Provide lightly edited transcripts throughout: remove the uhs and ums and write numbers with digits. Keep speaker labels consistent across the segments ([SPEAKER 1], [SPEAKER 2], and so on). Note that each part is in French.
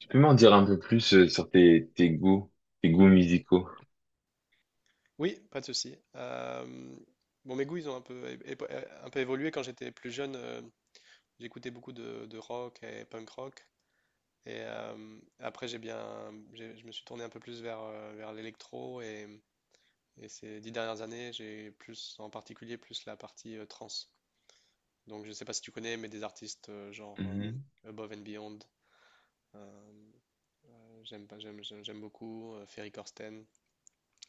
[SPEAKER 1] Peux-tu m'en dire un peu plus sur tes goûts musicaux?
[SPEAKER 2] Oui, pas de souci. Bon, mes goûts, ils ont un peu, un peu évolué. Quand j'étais plus jeune, j'écoutais beaucoup de rock et punk rock. Et après, je me suis tourné un peu plus vers, vers l'électro. Et ces dix dernières années, j'ai plus, en particulier, plus la partie trance. Donc, je ne sais pas si tu connais, mais des artistes genre
[SPEAKER 1] Mhm.
[SPEAKER 2] Above and Beyond. Euh, j'aime pas, j'aime, j'aime j'aime beaucoup. Ferry Corsten.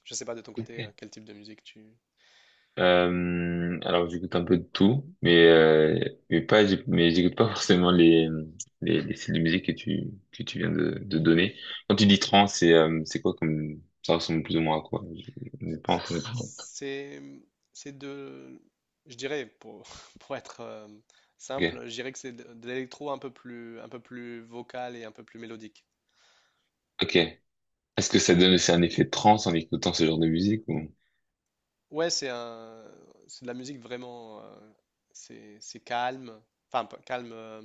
[SPEAKER 2] Je ne sais pas de ton
[SPEAKER 1] Ok.
[SPEAKER 2] côté, quel type de musique tu.
[SPEAKER 1] Alors j'écoute un peu de tout, mais pas j'éc- mais j'écoute pas forcément les styles de musique que tu viens de donner. Quand tu dis trance, c'est quoi comme ça ressemble plus ou moins à quoi? Je n'ai pas entendu.
[SPEAKER 2] C'est, c'est de, je dirais, pour, pour être simple,
[SPEAKER 1] Ok,
[SPEAKER 2] je dirais que c'est de l'électro un peu plus vocal et un peu plus mélodique.
[SPEAKER 1] ok. Est-ce que ça donne aussi un effet de trance en écoutant ce genre de musique ou?
[SPEAKER 2] Ouais, c'est un, c'est de la musique vraiment, c'est calme, enfin pas calme,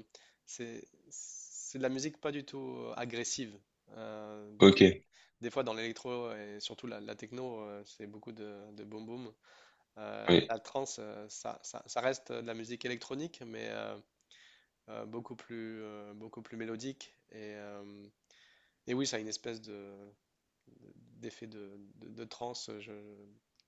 [SPEAKER 2] c'est de la musique pas du tout agressive. Donc
[SPEAKER 1] Ok,
[SPEAKER 2] des fois dans l'électro et surtout la techno, c'est beaucoup de boom boom.
[SPEAKER 1] oui,
[SPEAKER 2] La trance, ça reste de la musique électronique, mais beaucoup plus mélodique. Et oui, ça a une espèce d'effet de transe.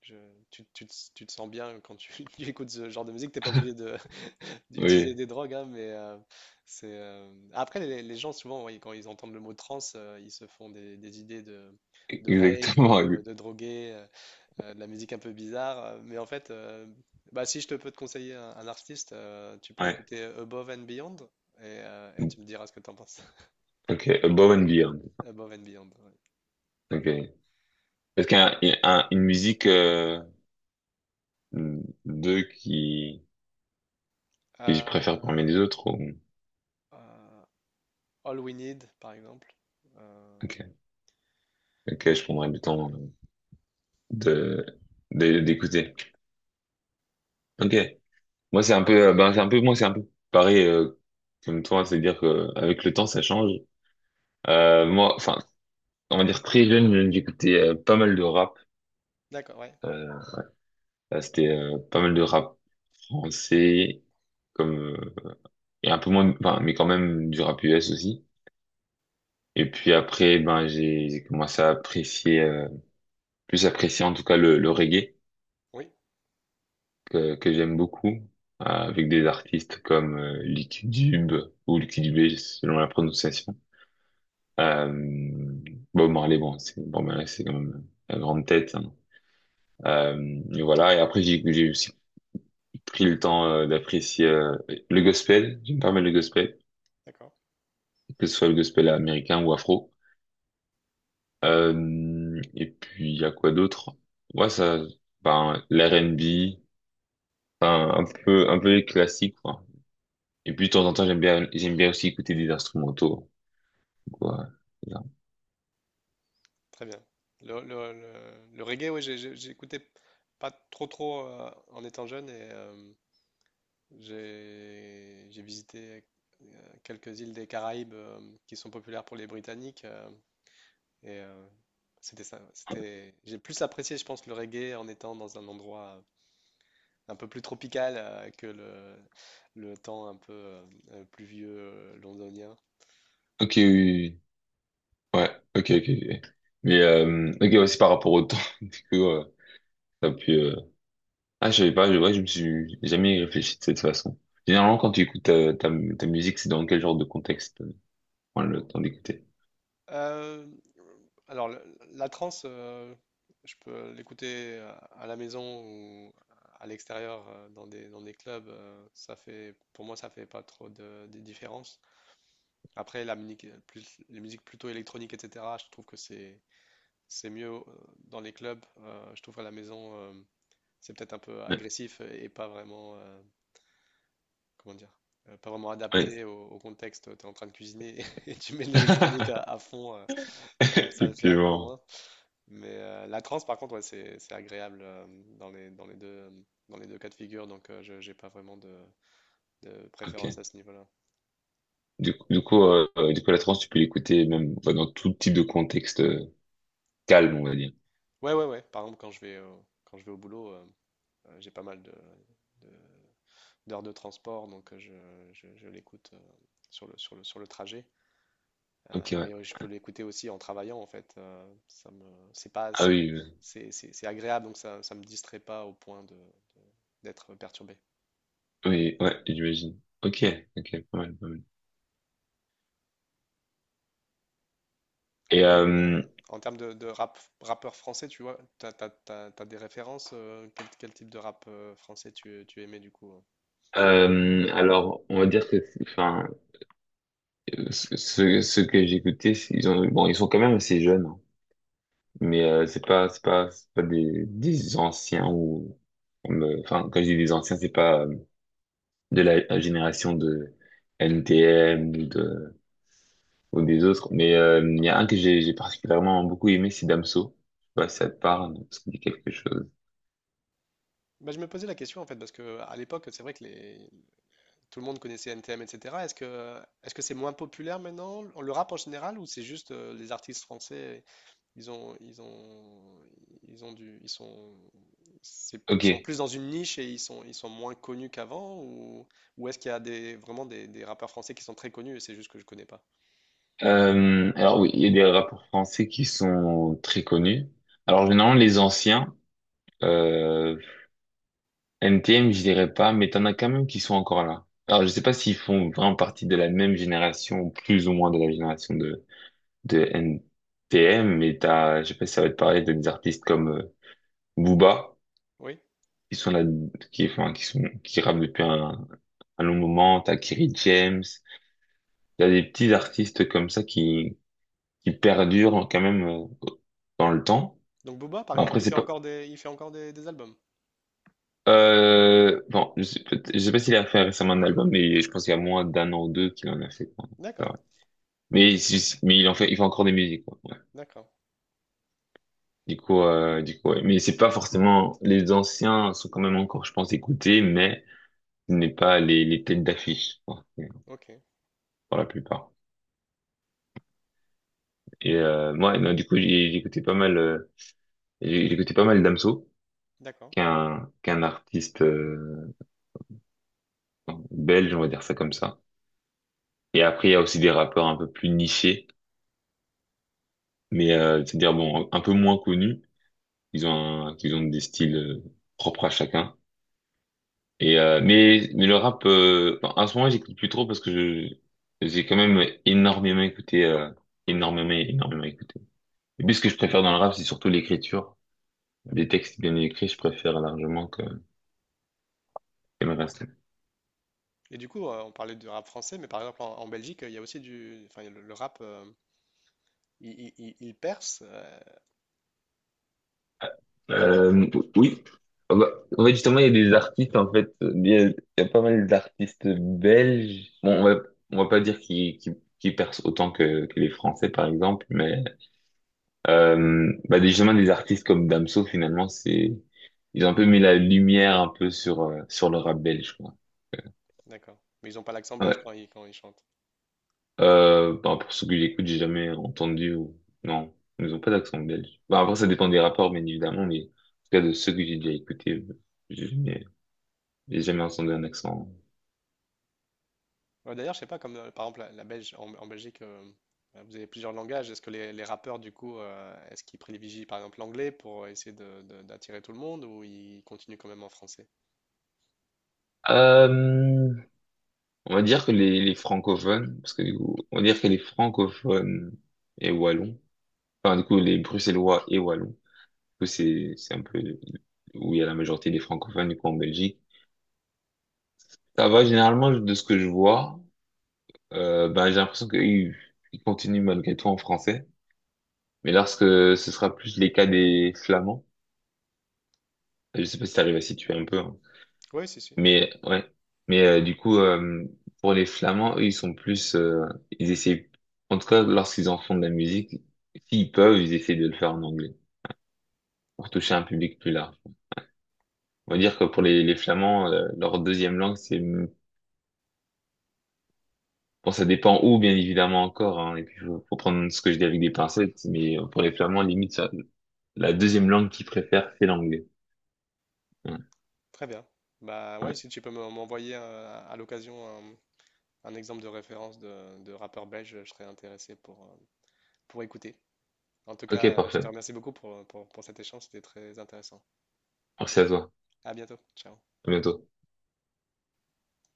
[SPEAKER 2] je- tu te sens bien quand tu tu écoutes ce genre de musique. T'es pas obligé de
[SPEAKER 1] oui,
[SPEAKER 2] d'utiliser des drogues, hein, mais c'est. Après, les gens, souvent, oui, quand ils entendent le mot trance, ils se font des idées de rave,
[SPEAKER 1] exactement.
[SPEAKER 2] de drogués de la musique un peu bizarre. Mais en fait, bah, si je te peux te conseiller un artiste, tu peux
[SPEAKER 1] Ouais.
[SPEAKER 2] écouter Above and Beyond et tu me diras ce que tu en penses.
[SPEAKER 1] Ok, Above and Beyond.
[SPEAKER 2] Above and Beyond, ouais.
[SPEAKER 1] Ok. Parce qu'un une musique deux qui que je préfère parmi
[SPEAKER 2] Euh,
[SPEAKER 1] les autres ou...
[SPEAKER 2] euh, All We Need, par exemple. Euh,
[SPEAKER 1] Ok, ok, je prendrai le temps de d'écouter. Ok, moi c'est un peu, c'est un peu, moi c'est un peu pareil comme toi, c'est-à-dire que avec le temps ça change. Moi, enfin, on va dire très jeune, j'écoutais pas mal de rap.
[SPEAKER 2] d'accord, ouais.
[SPEAKER 1] Euh, Là, c'était pas mal de rap français, comme et un peu moins, enfin, mais quand même du rap US aussi. Et puis après, ben, j'ai commencé à plus apprécier en tout cas le reggae
[SPEAKER 2] Oui,
[SPEAKER 1] que j'aime beaucoup, avec des artistes comme Lick Dube ou Lick Dubé, selon la prononciation. Euh, Bob Marley, bon, c'est bon, ben là, c'est quand même la grande tête, hein. Et voilà. Et après, j'ai aussi pris le temps d'apprécier le gospel. J'aime pas mal le gospel,
[SPEAKER 2] d'accord.
[SPEAKER 1] que ce soit le gospel américain ou afro. Et puis, il y a quoi d'autre? Ouais, ça, ben, l'R&B, enfin, un peu les classiques, quoi. Et puis, de temps en temps, j'aime bien aussi écouter des instrumentaux, quoi.
[SPEAKER 2] Très bien. Le reggae, oui, j'écoutais pas trop trop en étant jeune et j'ai visité quelques îles des Caraïbes qui sont populaires pour les Britanniques. Et euh, C'était ça. C'était, j'ai plus apprécié, je pense, le reggae en étant dans un endroit un peu plus tropical que le temps un peu pluvieux londonien.
[SPEAKER 1] Ok, oui, oui, oui. Ouais, ok, ok, ok. Mais, ok, ouais, c'est par rapport au temps, du coup, t'as pu, je savais pas, ouais, je me suis jamais réfléchi de cette façon. Généralement, quand tu écoutes ta musique, c'est dans quel genre de contexte, tu prends le temps d'écouter?
[SPEAKER 2] Euh, alors, la trance, je peux l'écouter à la maison ou à l'extérieur dans des clubs. Ça fait, pour moi, ça fait pas trop de différence. Après, la musique, les musiques plutôt électroniques, etc., je trouve que c'est mieux dans les clubs. Je trouve à la maison, c'est peut-être un peu
[SPEAKER 1] Ouais,
[SPEAKER 2] agressif et pas vraiment, comment dire, pas vraiment
[SPEAKER 1] ouais.
[SPEAKER 2] adapté au, au contexte. Tu es en train de cuisiner et tu mets de l'électronique à fond, ça, ça le fait un peu
[SPEAKER 1] Effectivement.
[SPEAKER 2] moins. Mais la trance, par contre, ouais, c'est agréable dans les, dans les deux, dans les deux cas de figure. Donc, je j'ai pas vraiment de
[SPEAKER 1] Ok.
[SPEAKER 2] préférence à ce niveau-là.
[SPEAKER 1] Du coup, la trance, tu peux l'écouter même enfin, dans tout type de contexte calme, on va dire.
[SPEAKER 2] Ouais, ouais, ouais. Par exemple, quand je vais au boulot, j'ai pas mal de d'heures de transport, donc je l'écoute sur sur le trajet.
[SPEAKER 1] Ok, ouais.
[SPEAKER 2] Mais je peux l'écouter aussi en travaillant, en fait. Ça me, c'est pas,
[SPEAKER 1] Ah oui,
[SPEAKER 2] c'est- C'est agréable, donc ça me distrait pas au point de d'être perturbé.
[SPEAKER 1] oui, ouais, j'imagine. Ok, ok, pas mal, pas mal.
[SPEAKER 2] Et
[SPEAKER 1] Et
[SPEAKER 2] les- euh, En termes de rap, rappeur français, tu vois, t'as des références, quel type de rap français tu aimais du coup, hein?
[SPEAKER 1] alors, on va dire que, enfin, ceux, ceux que j'ai écoutés, ils ont, bon, ils sont quand même assez jeunes, hein. Mais c'est pas des, des anciens ou, enfin, quand je dis des anciens, c'est pas de la génération de NTM ou des autres. Mais il y a un que j'ai particulièrement beaucoup aimé, c'est Damso. Je sais pas si ça te parle, ça te dit quelque chose.
[SPEAKER 2] Bah, je me posais la question en fait, parce que à l'époque, c'est vrai que les, tout le monde connaissait NTM, etc. Est-ce que c'est moins populaire maintenant, le rap en général, ou c'est juste les artistes français, ils ont ils ont ils ont du ils sont c'est- ils
[SPEAKER 1] Ok.
[SPEAKER 2] sont plus dans une niche et ils sont moins connus qu'avant, ou est-ce qu'il y a des vraiment des rappeurs français qui sont très connus et c'est juste que je connais pas?
[SPEAKER 1] Alors oui, il y a des rappeurs français qui sont très connus. Alors généralement les anciens, euh, NTM je dirais pas, mais t'en as quand même qui sont encore là. Alors je sais pas s'ils font vraiment partie de la même génération, plus ou moins de la génération de NTM, mais t'as, je sais pas si ça va te parler t'as des artistes comme Booba
[SPEAKER 2] Oui.
[SPEAKER 1] qui sont là, qui enfin, qui sont qui rappent depuis un, à nos moment, t'as Kerry James, il y a des petits artistes comme ça qui perdurent quand même dans le temps.
[SPEAKER 2] Donc Booba, par
[SPEAKER 1] Après,
[SPEAKER 2] exemple,
[SPEAKER 1] c'est pas...
[SPEAKER 2] il fait encore des albums.
[SPEAKER 1] Bon, je sais, peut- je sais pas s'il a fait récemment un album, mais je pense qu'il y a moins d'un an ou deux qu'il en a fait, quoi. C'est
[SPEAKER 2] D'accord,
[SPEAKER 1] vrai. Mais, si- mais il en fait, il fait encore des musiques, quoi. Ouais.
[SPEAKER 2] d'accord,
[SPEAKER 1] Du coup, ouais. Mais c'est pas forcément... Les anciens sont quand même encore, je pense, écoutés, mais ce n'est pas les têtes d'affiche, quoi,
[SPEAKER 2] ok,
[SPEAKER 1] pour la plupart. Et moi, non, du coup, j'ai écouté pas mal... j'ai écouté pas mal Damso.
[SPEAKER 2] d'accord.
[SPEAKER 1] Qu'un artiste belge, on va dire ça comme ça. Et après, il y a aussi des rappeurs un peu plus nichés, mais c'est-à-dire bon, un peu moins connus. Ils ont un, ils ont des styles propres à chacun. Et mais le rap, enfin, en ce moment, j'écoute plus trop parce que je j'ai quand même énormément écouté, énormément, énormément écouté. Et puis, ce que je préfère dans le rap, c'est surtout l'écriture. Des textes bien écrits, je préfère largement que le reste.
[SPEAKER 2] Et du coup, on parlait du rap français, mais par exemple en, en Belgique, il y a aussi du enfin le rap. Ils percent?
[SPEAKER 1] Euh, oui. Ah bah, en fait, justement, il y a des artistes, en fait, il y a pas mal d'artistes belges. Bon, on va pas dire qu'ils qui percent autant que les Français, par exemple, mais bah, des- justement, des artistes comme Damso, finalement, c'est ils ont un peu mis la lumière un peu sur, sur le rap belge, quoi.
[SPEAKER 2] D'accord. Mais ils n'ont pas l'accent belge
[SPEAKER 1] Ouais.
[SPEAKER 2] quand ils chantent.
[SPEAKER 1] Bah, pour ceux que j'écoute, j'ai jamais entendu ou... Non, ils ont pas d'accent belge. Bah, après, ça dépend des rapports, bien évidemment, mais en tout cas, de ceux que j'ai déjà écoutés, j'ai jamais entendu un accent.
[SPEAKER 2] Ouais, d'ailleurs, je sais pas, comme par exemple la Belge, en, en Belgique, vous avez plusieurs langages. Est-ce que les rappeurs, du coup, est-ce qu'ils privilégient par exemple l'anglais pour essayer d'attirer tout le monde ou ils continuent quand même en français?
[SPEAKER 1] Euh, on va dire que les francophones, parce que du coup, on va dire que les francophones et wallons, enfin du coup les bruxellois et wallons, du coup c'est un peu où il y a la majorité des francophones du coup en Belgique. Ça va généralement de ce que je vois, ben j'ai l'impression qu'ils ils continuent malgré tout en français, mais lorsque ce sera plus les cas des flamands, je sais pas si t'arrives à situer un peu, hein.
[SPEAKER 2] Oui, si, si.
[SPEAKER 1] Mais ouais, mais euh, du coup, euh, pour les Flamands, eux, ils sont plus, ils essaient, en tout cas, lorsqu'ils en font de la musique, s'ils peuvent, ils essaient de le faire en anglais pour toucher un public plus large. On va
[SPEAKER 2] Ok,
[SPEAKER 1] dire que pour les Flamands, leur deuxième langue, c'est, bon, ça dépend où, bien évidemment encore, hein, et puis faut prendre ce que je dis avec des pincettes, mais pour les Flamands, limite, ça- la deuxième langue qu'ils préfèrent, c'est l'anglais. Ouais,
[SPEAKER 2] très bien. Bah ouais,
[SPEAKER 1] ouais.
[SPEAKER 2] si tu peux m'envoyer à l'occasion un exemple de référence de rappeur belge, je serais intéressé pour écouter. En tout
[SPEAKER 1] Ok,
[SPEAKER 2] cas, je te
[SPEAKER 1] parfait.
[SPEAKER 2] remercie beaucoup pour cet échange, c'était très intéressant.
[SPEAKER 1] Merci à toi.
[SPEAKER 2] À bientôt, ciao.
[SPEAKER 1] À bientôt.